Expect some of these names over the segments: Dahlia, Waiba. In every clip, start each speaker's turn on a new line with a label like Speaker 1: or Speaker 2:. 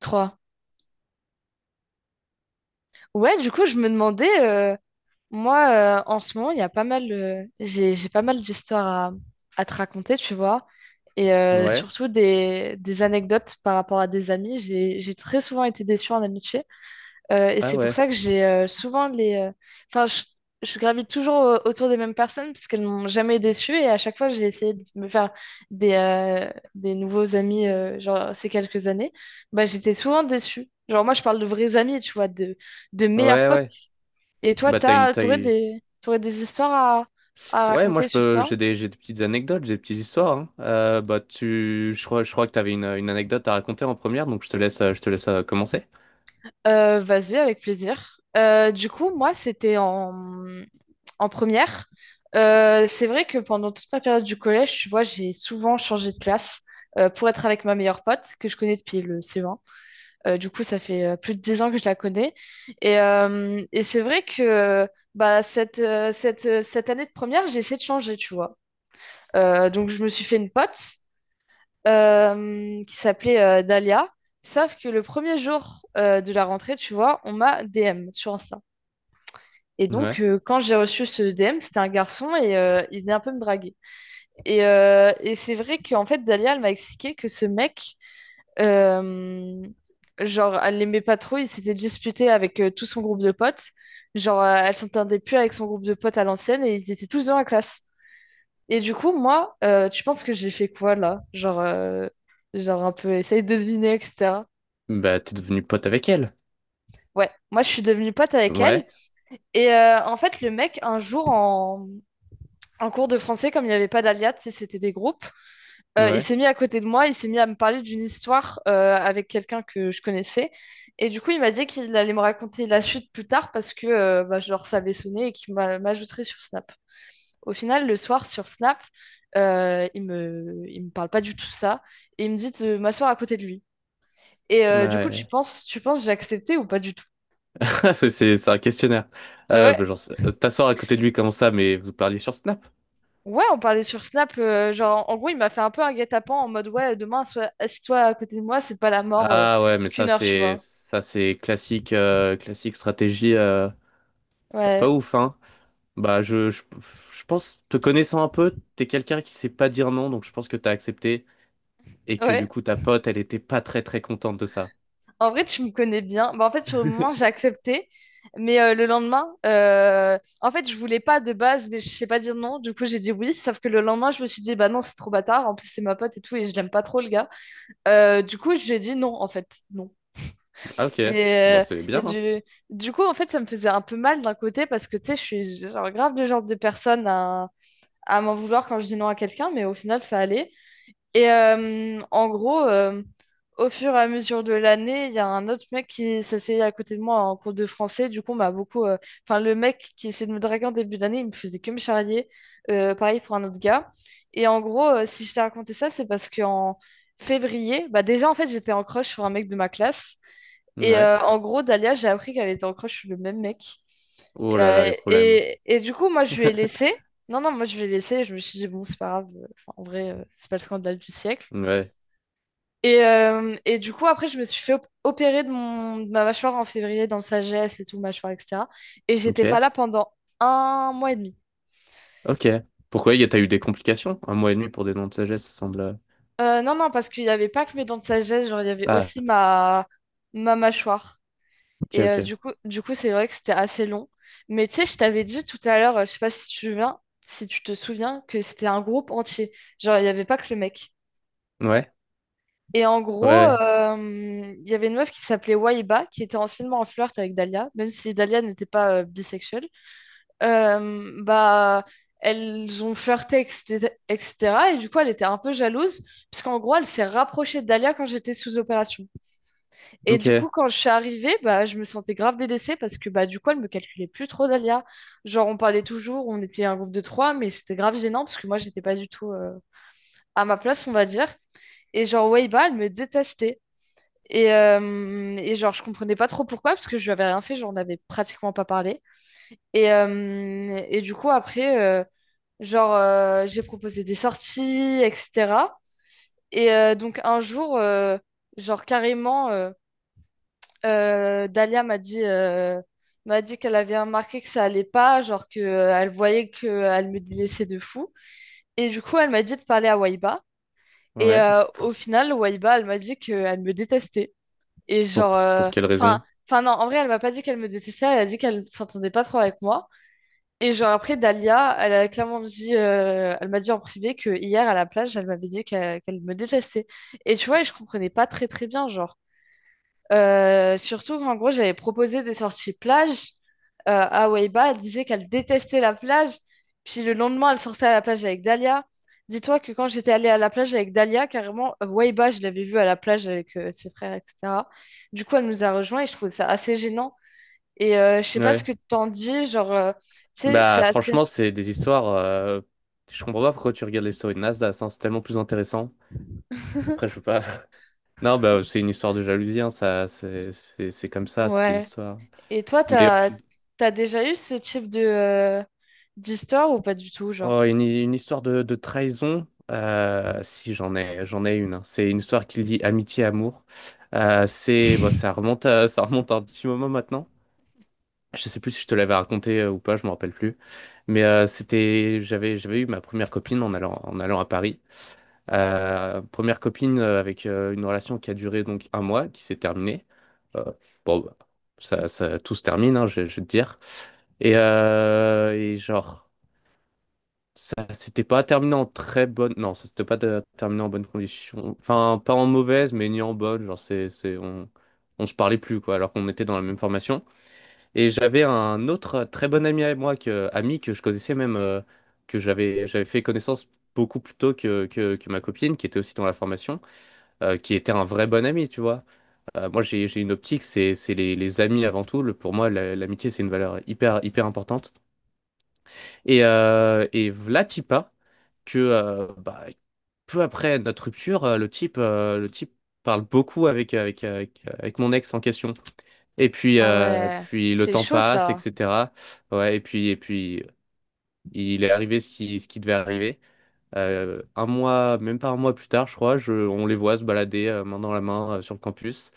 Speaker 1: Trois. Ouais, du coup, je me demandais, moi, en ce moment, il y a pas mal, j'ai pas mal d'histoires à te raconter, tu vois, et
Speaker 2: Ouais.
Speaker 1: surtout des anecdotes par rapport à des amis. J'ai très souvent été déçue en amitié. Et
Speaker 2: Ah
Speaker 1: c'est pour
Speaker 2: ouais.
Speaker 1: ça que j'ai souvent les. Enfin, je gravite toujours autour des mêmes personnes parce qu'elles m'ont jamais déçue et à chaque fois, j'ai essayé de me faire des nouveaux amis, genre ces quelques années. Bah, j'étais souvent déçue. Genre, moi, je parle de vrais amis, tu vois, de meilleurs
Speaker 2: Ouais,
Speaker 1: potes.
Speaker 2: ouais.
Speaker 1: Et toi,
Speaker 2: Bah t'as une taille.
Speaker 1: t'aurais des histoires à
Speaker 2: Ouais, moi
Speaker 1: raconter
Speaker 2: je
Speaker 1: sur
Speaker 2: peux.
Speaker 1: ça?
Speaker 2: J'ai des petites anecdotes, j'ai des petites histoires, hein. Bah tu. Je crois que t'avais une anecdote à raconter en première, donc je te laisse commencer.
Speaker 1: Vas-y, avec plaisir. Du coup, moi, c'était en première. C'est vrai que pendant toute ma période du collège, tu vois, j'ai souvent changé de classe pour être avec ma meilleure pote que je connais depuis le CE1. Du coup, ça fait plus de 10 ans que je la connais. Et c'est vrai que bah, cette année de première, j'ai essayé de changer, tu vois. Donc, je me suis fait une pote qui s'appelait Dahlia. Sauf que le premier jour de la rentrée, tu vois, on m'a DM sur Insta. Et donc,
Speaker 2: Ouais.
Speaker 1: quand j'ai reçu ce DM, c'était un garçon et il venait un peu me draguer. Et c'est vrai qu'en fait, Dalia, elle m'a expliqué que ce mec, euh, genre, elle l'aimait pas trop, il s'était disputé avec tout son groupe de potes. Genre, elle s'entendait plus avec son groupe de potes à l'ancienne et ils étaient tous dans la classe. Et du coup, moi, tu penses que j'ai fait quoi là? Genre, un peu essayer de deviner, etc.
Speaker 2: Bah t'es devenu pote avec elle.
Speaker 1: Ouais, moi, je suis devenue pote avec elle.
Speaker 2: Ouais.
Speaker 1: Et en fait, le mec, un jour, en cours de français, comme il n'y avait pas d'alias, tu sais, c'était des groupes. Il
Speaker 2: Ouais.
Speaker 1: s'est mis à côté de moi, il s'est mis à me parler d'une histoire avec quelqu'un que je connaissais. Et du coup, il m'a dit qu'il allait me raconter la suite plus tard parce que bah, je leur savais sonner et qu'il m'ajouterait sur Snap. Au final, le soir, sur Snap, il me parle pas du tout ça et il me dit de m'asseoir à côté de lui. Et du coup,
Speaker 2: Ouais.
Speaker 1: tu penses j'ai accepté ou pas du tout?
Speaker 2: C'est c'est un questionnaire.
Speaker 1: Ah
Speaker 2: Bah,
Speaker 1: ouais.
Speaker 2: genre, t'asseoir à côté de lui, comment ça, mais vous parliez sur Snap?
Speaker 1: Ouais, on parlait sur Snap, genre en gros il m'a fait un peu un guet-apens en mode ouais demain sois assis-toi à côté de moi, c'est pas la mort
Speaker 2: Ah ouais, mais
Speaker 1: qu'une
Speaker 2: ça
Speaker 1: heure, tu
Speaker 2: c'est
Speaker 1: vois.
Speaker 2: ça c'est classique stratégie, pas
Speaker 1: Ouais,
Speaker 2: ouf, hein. Bah, je pense, te connaissant un peu, t'es quelqu'un qui sait pas dire non, donc je pense que t'as accepté et que du
Speaker 1: ouais.
Speaker 2: coup ta pote elle était pas très très contente de ça.
Speaker 1: En vrai tu me connais bien. Bah, en fait sur le moment j'ai accepté, mais le lendemain, en fait je voulais pas de base, mais je sais pas dire non. Du coup j'ai dit oui, sauf que le lendemain je me suis dit bah non c'est trop bâtard, en plus c'est ma pote et tout et je l'aime pas trop le gars. Du coup j'ai dit non en fait, non.
Speaker 2: Ah, ok,
Speaker 1: Et,
Speaker 2: bon
Speaker 1: euh,
Speaker 2: c'est
Speaker 1: et
Speaker 2: bien, hein.
Speaker 1: du coup en fait ça me faisait un peu mal d'un côté parce que tu sais je suis genre grave le genre de personne à m'en vouloir quand je dis non à quelqu'un, mais au final, ça allait. Et en gros, au fur et à mesure de l'année, il y a un autre mec qui s'essayait à côté de moi en cours de français. Du coup, on m'a beaucoup. Enfin, le mec qui essayait de me draguer en début d'année, il me faisait que me charrier. Pareil pour un autre gars. Et en gros, si je t'ai raconté ça, c'est parce qu'en février, bah déjà, en fait, j'étais en crush sur un mec de ma classe. Et
Speaker 2: Ouais.
Speaker 1: en gros, Dalia, j'ai appris qu'elle était en crush sur le même mec.
Speaker 2: Oh là là,
Speaker 1: Euh,
Speaker 2: les problèmes.
Speaker 1: et, et du coup, moi, je lui ai laissé. Non, non, moi, je lui ai laissé. Je me suis dit, bon, c'est pas grave. Enfin, en vrai, c'est pas le scandale du siècle.
Speaker 2: Ouais.
Speaker 1: Et du coup, après, je me suis fait opérer de ma mâchoire en février, dans le sagesse et tout, mâchoire, etc. Et j'étais pas
Speaker 2: Ok.
Speaker 1: là pendant un mois et demi.
Speaker 2: Ok. Pourquoi t'as eu des complications? Un mois et demi pour des noms de sagesse, ça semble...
Speaker 1: Non, non, parce qu'il y avait pas que mes dents de sagesse, genre, il y avait
Speaker 2: Ah
Speaker 1: aussi ma mâchoire.
Speaker 2: ok,
Speaker 1: Et
Speaker 2: ok.
Speaker 1: du coup, c'est vrai que c'était assez long. Mais tu sais, je t'avais dit tout à l'heure, je sais pas si tu te souviens, que c'était un groupe entier. Genre, il n'y avait pas que le mec.
Speaker 2: Ouais.
Speaker 1: Et en gros,
Speaker 2: Ouais.
Speaker 1: il y avait une meuf qui s'appelait Waiba, qui était anciennement en flirt avec Dahlia, même si Dahlia n'était pas bisexuelle. Bah, elles ont flirté, etc., etc. Et cetera. Et du coup, elle était un peu jalouse, parce qu'en gros, elle s'est rapprochée de Dahlia quand j'étais sous opération.
Speaker 2: Ouais.
Speaker 1: Et du coup,
Speaker 2: Ok.
Speaker 1: quand je suis arrivée, bah, je me sentais grave délaissée parce que bah, du coup, elle me calculait plus trop, Dalia. Genre, on parlait toujours, on était un groupe de trois, mais c'était grave gênant parce que moi, j'étais pas du tout à ma place, on va dire. Et genre, Weiba, elle me détestait. Et genre, je comprenais pas trop pourquoi parce que je lui avais rien fait, genre, on avait pratiquement pas parlé. Et du coup, après, genre, j'ai proposé des sorties, etc. Et donc, un jour, genre, carrément. Dalia m'a m'a dit qu'elle avait remarqué que ça allait pas, genre que elle voyait que elle me délaissait de fou. Et du coup, elle m'a dit de parler à Waiba. Et
Speaker 2: Ouais.
Speaker 1: au final, Waiba, elle m'a dit qu'elle me détestait. Et
Speaker 2: Pour
Speaker 1: genre,
Speaker 2: pour quelle
Speaker 1: enfin,
Speaker 2: raison?
Speaker 1: enfin non, en vrai, elle m'a pas dit qu'elle me détestait, elle a dit qu'elle s'entendait pas trop avec moi. Et genre après, Dalia, elle a clairement dit, elle m'a dit en privé que hier à la plage, elle m'avait dit qu'elle me détestait. Et tu vois, je comprenais pas très très bien, genre. Surtout qu'en gros, j'avais proposé des sorties plage. À Weiba, elle disait qu'elle détestait la plage. Puis le lendemain, elle sortait à la plage avec Dalia. Dis-toi que quand j'étais allée à la plage avec Dalia, carrément, Weiba, je l'avais vue à la plage avec ses frères, etc. Du coup, elle nous a rejoints et je trouvais ça assez gênant. Et je sais pas ce
Speaker 2: Ouais.
Speaker 1: que t'en dis, genre, tu sais, c'est
Speaker 2: Bah,
Speaker 1: assez.
Speaker 2: franchement, c'est des histoires... Je comprends pas pourquoi tu regardes les stories de Nasdaq, hein, c'est tellement plus intéressant. Après, je veux pas. Non, bah, c'est une histoire de jalousie, hein, ça, c'est comme ça, c'est des
Speaker 1: Ouais.
Speaker 2: histoires.
Speaker 1: Et toi,
Speaker 2: Mais au fin-
Speaker 1: t'as déjà eu ce type d'histoire ou pas du tout, genre?
Speaker 2: oh, une histoire de, trahison, si, j'en ai une, hein. C'est une histoire qui lie amitié, amour. Bon, ça remonte à un petit moment maintenant. Je sais plus si je te l'avais raconté, ou pas, je me rappelle plus. J'avais eu ma première copine en allant à Paris. Première copine, avec une relation qui a duré donc un mois, qui s'est terminée. Euh, bon, bah, ça, tout se termine, hein, je vais te dire. Et genre, ça s'était pas terminé en très bonne... Non, ça s'était pas terminé en bonne condition. Enfin, pas en mauvaise, mais ni en bonne. Genre, on se parlait plus, quoi, alors qu'on était dans la même formation. Et j'avais un autre très bon ami avec moi, ami que je connaissais, même, que j'avais fait connaissance beaucoup plus tôt que ma copine, qui était aussi dans la formation, qui était un vrai bon ami, tu vois. Moi, j'ai une optique, c'est les amis avant tout. Pour moi, l'amitié, c'est une valeur hyper, hyper importante. Et v'là Tipa, que bah, peu après notre rupture, le type parle beaucoup avec mon ex en question. Et puis,
Speaker 1: Ah
Speaker 2: euh,
Speaker 1: ouais,
Speaker 2: puis le
Speaker 1: c'est
Speaker 2: temps
Speaker 1: chaud
Speaker 2: passe,
Speaker 1: ça.
Speaker 2: etc. Ouais, et puis, il est arrivé ce qui devait arriver. Un mois, même pas un mois plus tard, je crois, on les voit se balader, main dans la main, sur le campus.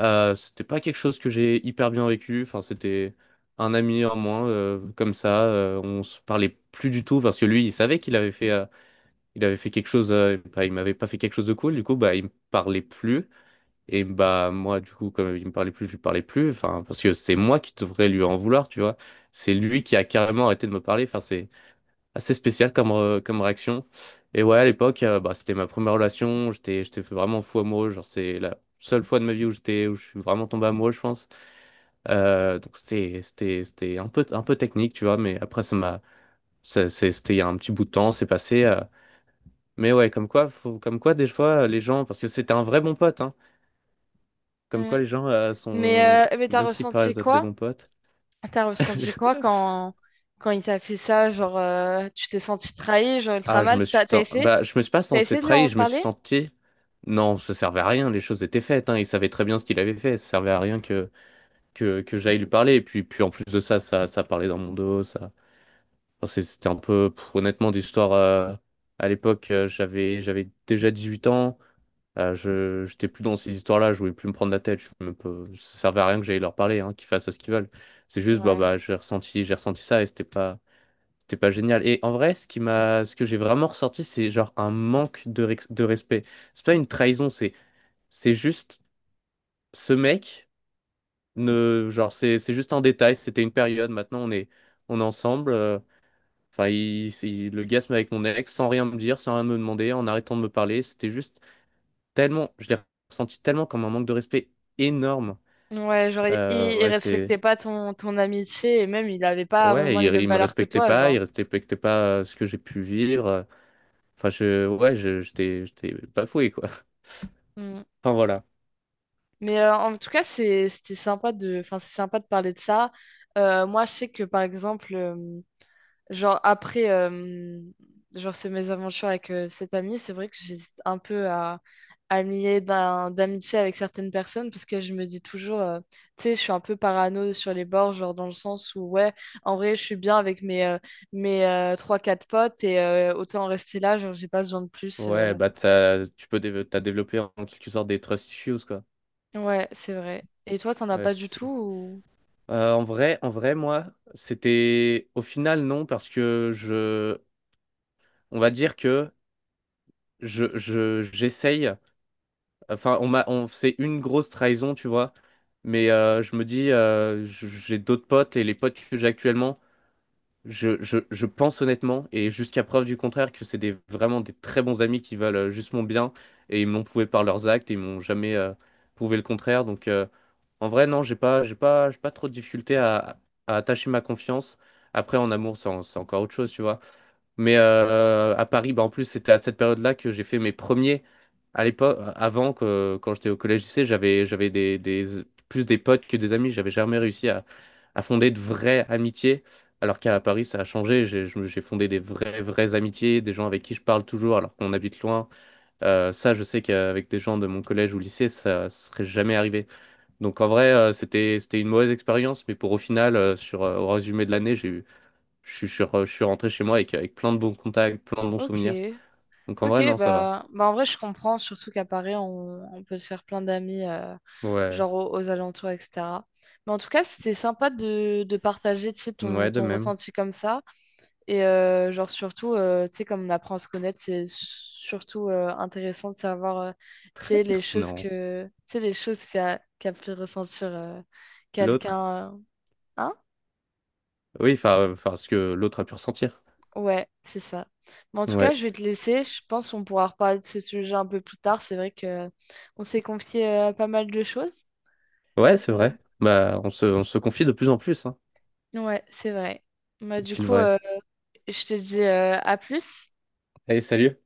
Speaker 2: C'était pas quelque chose que j'ai hyper bien vécu. Enfin, c'était un ami en moins, comme ça. On se parlait plus du tout parce que lui, il savait qu'il avait fait quelque chose. Bah, il m'avait pas fait quelque chose de cool. Du coup, bah, il me parlait plus. Et bah, moi, du coup, comme il me parlait plus, je lui parlais plus. Enfin, parce que c'est moi qui devrais lui en vouloir, tu vois. C'est lui qui a carrément arrêté de me parler. Enfin, c'est assez spécial comme réaction. Et ouais, à l'époque, bah, c'était ma première relation. J'étais vraiment fou amoureux. Genre, c'est la seule fois de ma vie où où je suis vraiment tombé amoureux, je pense. Donc, c'était un peu technique, tu vois. Mais après, ça m'a, ça- c'est- c'était il y a un petit bout de temps, c'est passé. Mais ouais, comme quoi, comme quoi, des fois, les gens, parce que c'était un vrai bon pote, hein, comme quoi les gens
Speaker 1: Mais,
Speaker 2: sont,
Speaker 1: mais t'as
Speaker 2: même s'ils
Speaker 1: ressenti
Speaker 2: paraissent être des
Speaker 1: quoi?
Speaker 2: bons potes.
Speaker 1: T'as ressenti quoi quand il t'a fait ça? Genre, tu t'es senti trahi, genre ultra
Speaker 2: Ah, je
Speaker 1: mal.
Speaker 2: me suis
Speaker 1: T'as essayé?
Speaker 2: bah, je me suis pas
Speaker 1: T'as
Speaker 2: senti
Speaker 1: essayé de lui
Speaker 2: trahi,
Speaker 1: en
Speaker 2: je me suis
Speaker 1: parler?
Speaker 2: senti... Non, ça servait à rien, les choses étaient faites, hein. Il savait très bien ce qu'il avait fait, ça servait à rien que j'aille lui parler. Et puis en plus de ça parlait dans mon dos, ça. Enfin, c'était un peu, pff, honnêtement, d'histoire. À l'époque, j'avais déjà 18 ans, j'étais plus dans ces histoires-là, je voulais plus me prendre la tête, ça servait à rien que j'aille leur parler, hein, qu'ils fassent ce qu'ils veulent. C'est juste, bah,
Speaker 1: Ouais.
Speaker 2: bah, j'ai ressenti ça et c'était pas... T'es pas génial. Et en vrai, ce que j'ai vraiment ressorti, c'est genre un manque de, de respect. C'est pas une trahison, c'est juste ce mec... ne, Genre c'est juste un détail. C'était une période. Maintenant, on est ensemble. Enfin, le gars se met avec mon ex sans rien me dire, sans rien me demander, en arrêtant de me parler. C'était juste tellement... Je l'ai ressenti tellement comme un manque de respect énorme.
Speaker 1: Ouais, genre, il
Speaker 2: Ouais,
Speaker 1: respectait pas ton amitié et même il avait pas
Speaker 2: ouais,
Speaker 1: vraiment les mêmes
Speaker 2: il me
Speaker 1: valeurs que
Speaker 2: respectait
Speaker 1: toi,
Speaker 2: pas,
Speaker 1: genre.
Speaker 2: il respectait pas, ce que j'ai pu vivre. Enfin, ouais, j'étais bafoué, quoi.
Speaker 1: Hmm.
Speaker 2: Enfin voilà.
Speaker 1: Mais en tout cas, c'était sympa de, enfin, c'est sympa de parler de ça. Moi, je sais que par exemple, genre après, genre ces aventures avec cet ami, c'est vrai que j'hésite un peu à me lier d'amitié avec certaines personnes parce que je me dis toujours, tu sais, je suis un peu parano sur les bords, genre dans le sens où, ouais, en vrai, je suis bien avec mes 3-4 potes et autant en rester là, genre j'ai pas besoin de plus.
Speaker 2: Ouais, t'as développé en quelque sorte des trust issues, quoi.
Speaker 1: Ouais, c'est vrai. Et toi, t'en as
Speaker 2: Ouais,
Speaker 1: pas du tout ou...
Speaker 2: En vrai, moi, c'était au final non parce que on va dire que j'essaye. Enfin, c'est une grosse trahison, tu vois. Mais je me dis, j'ai d'autres potes et les potes que j'ai actuellement. Je pense honnêtement, et jusqu'à preuve du contraire, que c'est vraiment des très bons amis qui valent, juste mon bien, et ils me l'ont prouvé par leurs actes, et ils m'ont jamais, prouvé le contraire. Donc, en vrai, non, j'ai pas trop de difficulté à attacher ma confiance. Après, en amour, c'est encore autre chose, tu vois. Mais à Paris, bah, en plus, c'était à cette période-là que j'ai fait mes premiers. À l'époque, quand j'étais au collège-lycée, j'avais plus des potes que des amis. J'avais jamais réussi à fonder de vraies amitiés. Alors qu'à Paris, ça a changé. J'ai fondé des vraies, vraies amitiés, des gens avec qui je parle toujours alors qu'on habite loin. Ça, je sais qu'avec des gens de mon collège ou lycée, ça serait jamais arrivé. Donc en vrai, c'était, c'était une mauvaise expérience. Mais pour au final, au résumé de l'année, j'ai eu je suis, je je suis rentré chez moi avec plein de bons contacts, plein de bons
Speaker 1: Ok.
Speaker 2: souvenirs. Donc en
Speaker 1: Ok,
Speaker 2: vrai, non, ça va.
Speaker 1: bah en vrai, je comprends, surtout qu'à Paris, on peut se faire plein d'amis,
Speaker 2: Ouais,
Speaker 1: genre aux alentours, etc. Mais en tout cas, c'était sympa de partager, tu sais,
Speaker 2: ouais, de
Speaker 1: ton
Speaker 2: même.
Speaker 1: ressenti comme ça. Et genre, surtout, tu sais, comme on apprend à se connaître, c'est surtout intéressant de savoir, tu
Speaker 2: Très
Speaker 1: sais,
Speaker 2: pertinent.
Speaker 1: tu sais, les choses qu'a pu ressentir
Speaker 2: L'autre...
Speaker 1: quelqu'un. Hein.
Speaker 2: oui, enfin, enfin, ce que l'autre a pu ressentir.
Speaker 1: Ouais, c'est ça. Mais en tout cas,
Speaker 2: Ouais,
Speaker 1: je vais te laisser. Je pense qu'on pourra reparler de ce sujet un peu plus tard. C'est vrai que on s'est confié pas mal de choses.
Speaker 2: ouais, c'est
Speaker 1: Euh,
Speaker 2: vrai. Bah, on se confie de plus en plus, hein.
Speaker 1: ouais, c'est vrai. Bah, du
Speaker 2: Est-il
Speaker 1: coup,
Speaker 2: vrai?
Speaker 1: je te dis à plus.
Speaker 2: Allez, salut.